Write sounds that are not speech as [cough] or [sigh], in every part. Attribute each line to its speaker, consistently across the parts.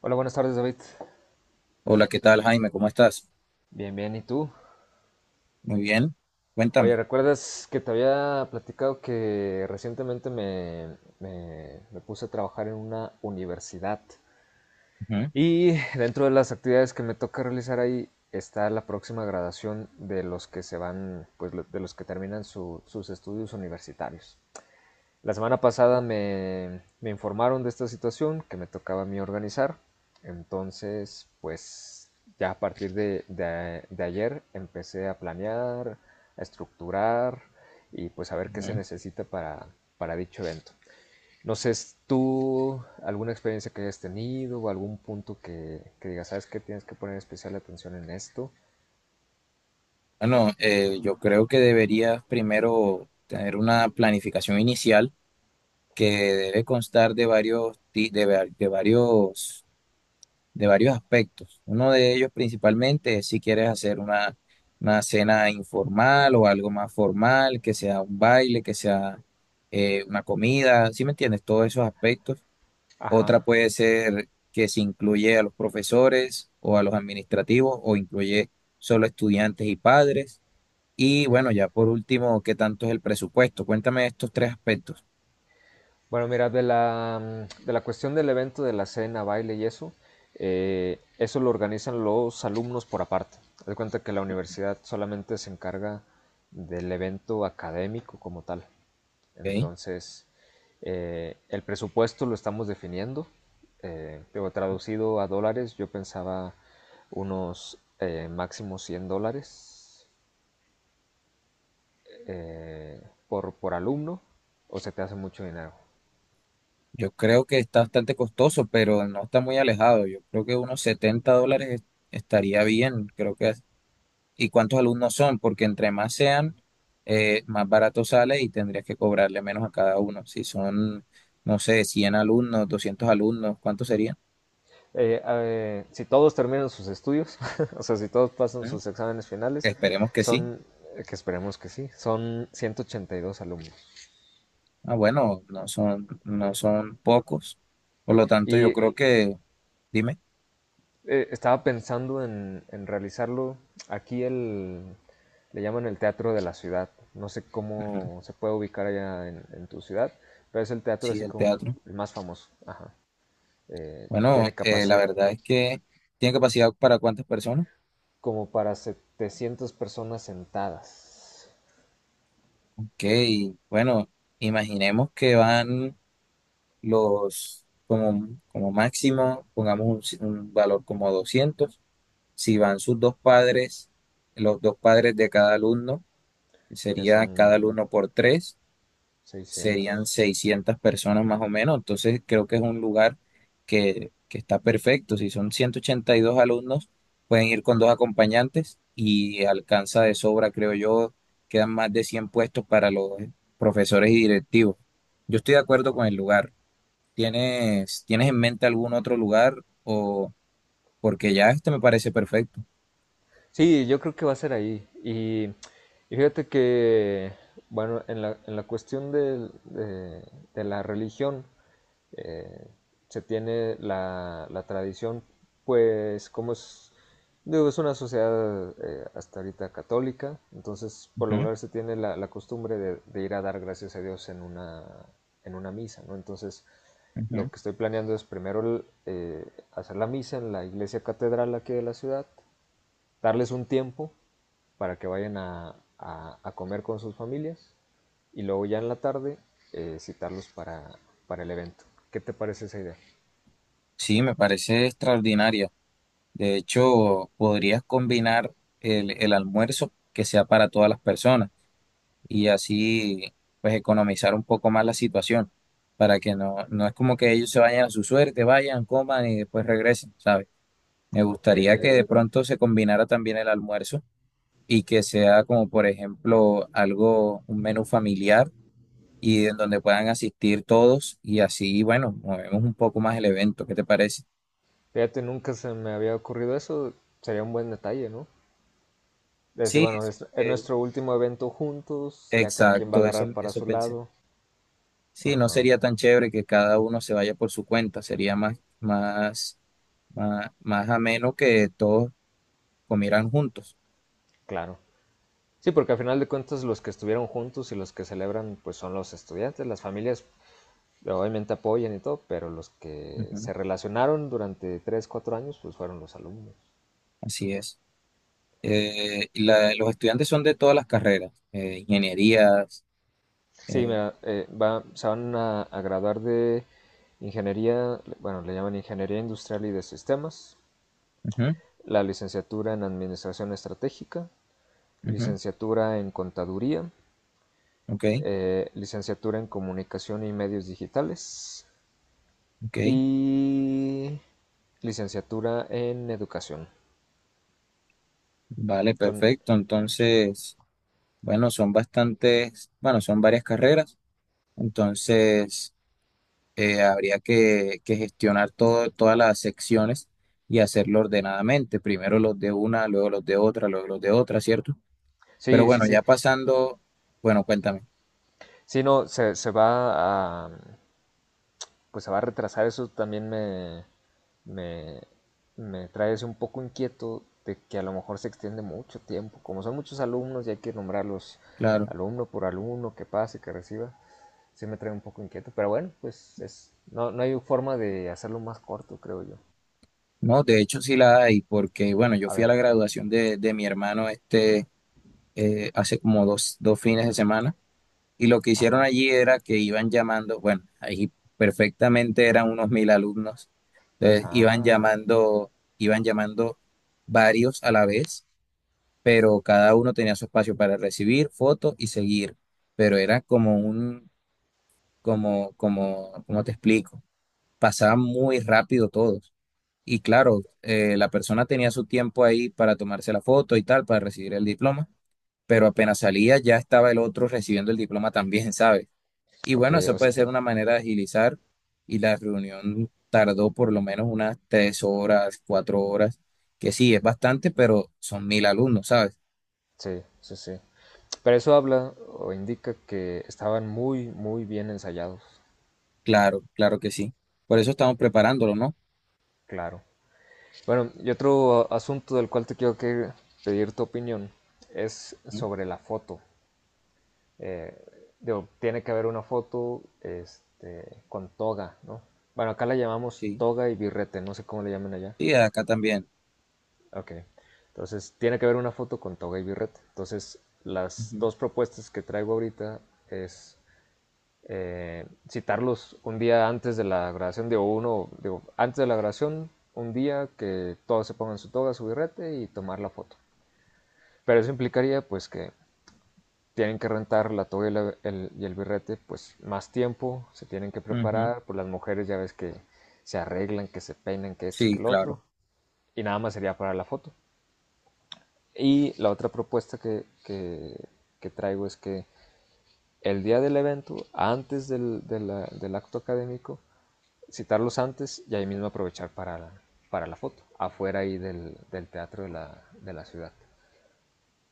Speaker 1: Hola, buenas tardes, David.
Speaker 2: Hola, ¿qué tal, Jaime? ¿Cómo estás?
Speaker 1: Bien, bien, ¿y tú?
Speaker 2: Muy bien,
Speaker 1: Oye,
Speaker 2: cuéntame.
Speaker 1: ¿recuerdas que te había platicado que recientemente me puse a trabajar en una universidad?
Speaker 2: Ujú,
Speaker 1: Y dentro de las actividades que me toca realizar ahí está la próxima graduación de los que se van, de los que terminan sus estudios universitarios. La semana pasada me informaron de esta situación que me tocaba a mí organizar. Entonces, pues ya a partir de ayer empecé a planear, a estructurar y pues a ver qué se
Speaker 2: ujú.
Speaker 1: necesita para dicho evento. No sé, tú alguna experiencia que hayas tenido o algún punto que digas, ¿sabes qué? Tienes que poner especial atención en esto.
Speaker 2: Bueno, yo creo que deberías primero tener una planificación inicial que debe constar de varios, ti- de, va- de varios aspectos. Uno de ellos principalmente es si quieres hacer una cena informal o algo más formal, que sea un baile, que sea una comida, ¿sí me entiendes? Todos esos aspectos. Otra
Speaker 1: Ajá.
Speaker 2: puede ser que se incluye a los profesores o a los administrativos o incluye solo estudiantes y padres. Y bueno, ya por último, ¿qué tanto es el presupuesto? Cuéntame estos tres aspectos,
Speaker 1: Bueno, mira, de la cuestión del evento, de la cena, baile y eso, eso lo organizan los alumnos por aparte. Haz de cuenta que la universidad solamente se encarga del evento académico como tal.
Speaker 2: ¿ok?
Speaker 1: Entonces, el presupuesto lo estamos definiendo. Digo, traducido a dólares, yo pensaba unos máximo 100 dólares eh, por alumno, o se te hace mucho dinero.
Speaker 2: Yo creo que está bastante costoso, pero no está muy alejado. Yo creo que unos $70 estaría bien, ¿Y cuántos alumnos son? Porque entre más sean, más barato sale y tendrías que cobrarle menos a cada uno. No sé, 100 alumnos, 200 alumnos, ¿cuántos serían?
Speaker 1: Si todos terminan sus estudios, [laughs] o sea, si todos pasan
Speaker 2: ¿Mm?
Speaker 1: sus exámenes finales,
Speaker 2: Esperemos que sí.
Speaker 1: son, que esperemos que sí, son 182 alumnos.
Speaker 2: Ah, bueno, no son pocos. Por lo tanto,
Speaker 1: Y
Speaker 2: dime,
Speaker 1: estaba pensando en realizarlo aquí, le llaman el Teatro de la Ciudad. No sé
Speaker 2: ujú.
Speaker 1: cómo se puede ubicar allá en tu ciudad, pero es el teatro
Speaker 2: Sí,
Speaker 1: así
Speaker 2: el
Speaker 1: como
Speaker 2: teatro.
Speaker 1: el más famoso. Ajá.
Speaker 2: Bueno,
Speaker 1: Tiene
Speaker 2: la
Speaker 1: capacidad
Speaker 2: verdad es que tiene capacidad para cuántas personas.
Speaker 1: como para 700 personas sentadas.
Speaker 2: Ok, bueno, imaginemos que van los, como, como máximo, pongamos un valor como 200. Si van sus dos padres, los dos padres de cada alumno, que
Speaker 1: Ya
Speaker 2: sería
Speaker 1: son
Speaker 2: cada alumno por tres.
Speaker 1: 600.
Speaker 2: Serían 600 personas más o menos, entonces creo que es un lugar que está perfecto. Si son 182 alumnos, pueden ir con dos acompañantes y alcanza de sobra, creo yo, quedan más de 100 puestos para los profesores y directivos. Yo estoy de
Speaker 1: De
Speaker 2: acuerdo
Speaker 1: acuerdo.
Speaker 2: con el lugar. ¿Tienes en mente algún otro lugar o porque ya este me parece perfecto?
Speaker 1: Sí, yo creo que va a ser ahí. Y fíjate que, bueno, en en la cuestión de la religión, eh, se tiene la tradición, pues, como es, digo, es una sociedad hasta ahorita católica, entonces por lo
Speaker 2: Ujú,
Speaker 1: regular se tiene la costumbre de ir a dar gracias a Dios en una misa, ¿no? Entonces, lo
Speaker 2: ujú.
Speaker 1: que estoy planeando es primero hacer la misa en la iglesia catedral aquí de la ciudad, darles un tiempo para que vayan a comer con sus familias y luego ya en la tarde citarlos para el evento. ¿Qué te parece esa idea?
Speaker 2: Sí, me parece extraordinaria. De hecho, podrías combinar el almuerzo que sea para todas las personas y así pues economizar un poco más la situación para que no es como que ellos se vayan a su suerte, vayan, coman y después regresen, ¿sabes? Me
Speaker 1: Ok,
Speaker 2: gustaría que de pronto se combinara también el almuerzo y que sea como por ejemplo algo, un menú familiar y en donde puedan asistir todos y así, bueno, movemos un poco más el evento, ¿qué te parece?
Speaker 1: fíjate, nunca se me había ocurrido eso, sería un buen detalle, ¿no? Decir,
Speaker 2: Sí,
Speaker 1: bueno, es nuestro último evento juntos, ya cada quien va a
Speaker 2: exacto,
Speaker 1: agarrar para
Speaker 2: eso
Speaker 1: su
Speaker 2: pensé.
Speaker 1: lado.
Speaker 2: Sí, no
Speaker 1: Ajá,
Speaker 2: sería tan chévere que cada uno se vaya por su cuenta, sería más ameno que todos comieran juntos.
Speaker 1: claro. Sí, porque al final de cuentas los que estuvieron juntos y los que celebran pues son los estudiantes, las familias obviamente apoyan y todo, pero los que
Speaker 2: Ujú,
Speaker 1: se relacionaron durante 3 4 años, pues fueron los alumnos.
Speaker 2: así es. Y los estudiantes son de todas las carreras, ingenierías.
Speaker 1: Sí,
Speaker 2: Eh,
Speaker 1: mira, se van a graduar de ingeniería, bueno, le llaman ingeniería industrial y de sistemas,
Speaker 2: ujú,
Speaker 1: la licenciatura en administración estratégica,
Speaker 2: ujú,
Speaker 1: licenciatura en contaduría,
Speaker 2: ok,
Speaker 1: licenciatura en comunicación y medios digitales
Speaker 2: ok,
Speaker 1: y licenciatura en educación.
Speaker 2: vale,
Speaker 1: Son,
Speaker 2: perfecto. Entonces, bueno, son bastantes, bueno, son varias carreras. Entonces, que gestionar todo, todas las secciones y hacerlo ordenadamente. Primero los de una, luego los de otra, luego los de otra, ¿cierto? Pero
Speaker 1: sí, sí,
Speaker 2: bueno,
Speaker 1: sí.
Speaker 2: ya pasando, bueno, cuéntame,
Speaker 1: Sí, no, se va a, pues se va a retrasar, eso también me me trae ese un poco inquieto de que a lo mejor se extiende mucho tiempo. Como son muchos alumnos y hay que nombrarlos
Speaker 2: claro.
Speaker 1: alumno por alumno, que pase, que reciba, sí me trae un poco inquieto. Pero bueno, pues es, no, no hay forma de hacerlo más corto, creo yo.
Speaker 2: No, de hecho sí la hay, porque bueno, yo
Speaker 1: A
Speaker 2: fui a
Speaker 1: ver,
Speaker 2: la graduación de mi hermano este hace como dos fines de semana y lo que hicieron
Speaker 1: ajá,
Speaker 2: allí era que iban llamando, bueno, ahí perfectamente eran unos 1000 alumnos, entonces
Speaker 1: sabe.
Speaker 2: iban llamando varios a la vez pero cada uno tenía su espacio para recibir fotos y seguir, pero era como ¿cómo te explico? Pasaba muy rápido todos. Y claro, la persona tenía su tiempo ahí para tomarse la foto y tal, para recibir el diploma, pero apenas salía ya estaba el otro recibiendo el diploma también, [laughs] ¿sabes? Y
Speaker 1: Ok,
Speaker 2: bueno, eso
Speaker 1: o sea,
Speaker 2: puede ser una manera de agilizar y la reunión tardó por lo menos unas 3 horas, 4 horas, que sí, es bastante, pero son 1000 alumnos, ¿sabes?
Speaker 1: sí, sí, sí. Pero eso habla o indica que estaban muy, muy bien ensayados,
Speaker 2: Claro, claro que sí. Por eso estamos preparándolo, ¿no?
Speaker 1: claro. Bueno, y otro asunto del cual te quiero que pedir tu opinión es
Speaker 2: ¿Mm?
Speaker 1: sobre la foto. Eh, Digo, tiene que haber una foto este, con toga, ¿no? Bueno, acá la llamamos
Speaker 2: Sí,
Speaker 1: toga y birrete, no sé cómo le llaman allá.
Speaker 2: sí, acá también.
Speaker 1: Ok, entonces tiene que haber una foto con toga y birrete. Entonces, las
Speaker 2: Ujú,
Speaker 1: dos propuestas que traigo ahorita es citarlos un día antes de la grabación, digo, uno, digo, antes de la grabación, un día que todos se pongan su toga, su birrete y tomar la foto. Pero eso implicaría pues que tienen que rentar la toga y y el birrete pues más tiempo, se tienen que
Speaker 2: ujú.
Speaker 1: preparar, pues las mujeres ya ves que se arreglan, que se peinan, que esto, que
Speaker 2: Sí,
Speaker 1: lo otro,
Speaker 2: claro,
Speaker 1: y nada más sería para la foto. Y la otra propuesta que traigo es que el día del evento, antes del, de la- del acto académico, citarlos antes y ahí mismo aprovechar para para la foto, afuera ahí del teatro de de la ciudad.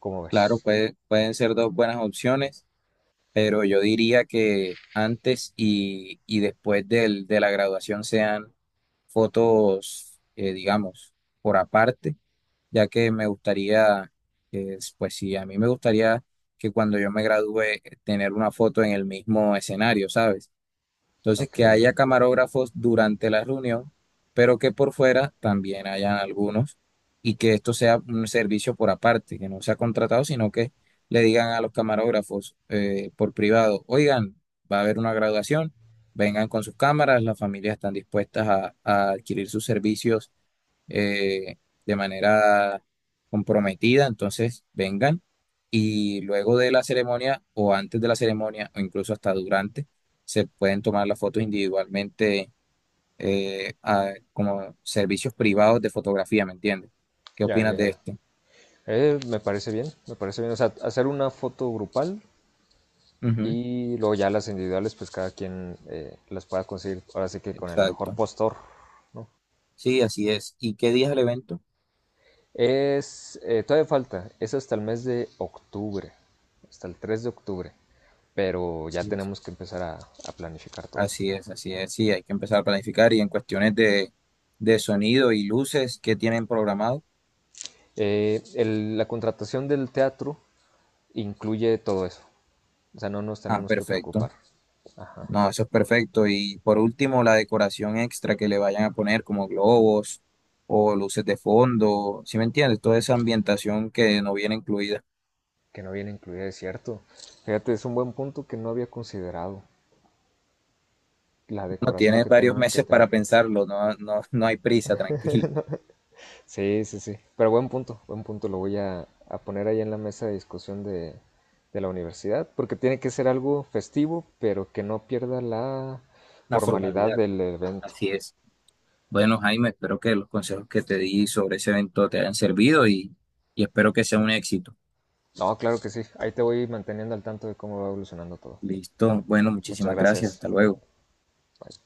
Speaker 1: ¿Cómo
Speaker 2: claro,
Speaker 1: ves?
Speaker 2: pueden ser dos buenas opciones, pero yo diría que antes y después de la graduación sean fotos, digamos, por aparte, ya que me gustaría, pues sí, a mí me gustaría que cuando yo me gradúe tener una foto en el mismo escenario, ¿sabes? Entonces,
Speaker 1: Ok,
Speaker 2: que haya camarógrafos durante la reunión, pero que por fuera también hayan algunos y que esto sea un servicio por aparte, que no sea contratado, sino que le digan a los camarógrafos por privado, oigan, va a haber una graduación, vengan con sus cámaras, las familias están dispuestas a adquirir sus servicios eh, de manera comprometida, entonces vengan y luego de la ceremonia o antes de la ceremonia o incluso hasta durante, se pueden tomar las fotos individualmente como servicios privados de fotografía, ¿me entiendes? ¿Qué
Speaker 1: ya, ya,
Speaker 2: opinas de Claro
Speaker 1: ya.
Speaker 2: esto?
Speaker 1: Me parece bien, me parece bien. O sea, hacer una foto grupal
Speaker 2: Ujú,
Speaker 1: y luego ya las individuales, pues cada quien las pueda conseguir. Ahora sí que con el mejor
Speaker 2: exacto.
Speaker 1: postor, ¿no?
Speaker 2: Sí, así es. ¿Y qué día es el evento?
Speaker 1: Es, todavía falta, es hasta el mes de octubre, hasta el 3 de octubre, pero ya
Speaker 2: Y
Speaker 1: tenemos que empezar a planificar todo.
Speaker 2: así es, así es. Sí, hay que empezar a planificar y en cuestiones de sonido y luces que tienen programado.
Speaker 1: La contratación del teatro incluye todo eso, o sea, no nos
Speaker 2: Ah,
Speaker 1: tenemos que
Speaker 2: perfecto.
Speaker 1: preocupar. Ajá,
Speaker 2: No, eso es perfecto. Y por último, la decoración extra que le vayan a poner, como globos o luces de fondo, ¿sí me entiendes? Toda esa ambientación que no viene incluida.
Speaker 1: que no viene incluida, es cierto. Fíjate, es un buen punto que no había considerado. La
Speaker 2: No
Speaker 1: decoración
Speaker 2: tienes
Speaker 1: que
Speaker 2: varios
Speaker 1: tenemos que
Speaker 2: meses
Speaker 1: tener.
Speaker 2: para pensarlo, no, no, no hay prisa, tranquilo.
Speaker 1: Sí, sí, sí. Pero buen punto, buen punto. Lo voy a poner ahí en la mesa de discusión de la universidad, porque tiene que ser algo festivo, pero que no pierda la
Speaker 2: [laughs] una
Speaker 1: formalidad
Speaker 2: formalidad,
Speaker 1: del evento.
Speaker 2: así es. Bueno, Jaime, espero que los consejos que te di sobre ese evento te hayan servido y espero que sea un éxito.
Speaker 1: No, claro que sí. Ahí te voy manteniendo al tanto de cómo va evolucionando todo.
Speaker 2: Listo.
Speaker 1: Mu-
Speaker 2: Bueno,
Speaker 1: Muchas
Speaker 2: muchísimas gracias.
Speaker 1: gracias.
Speaker 2: Hasta luego.
Speaker 1: Bye.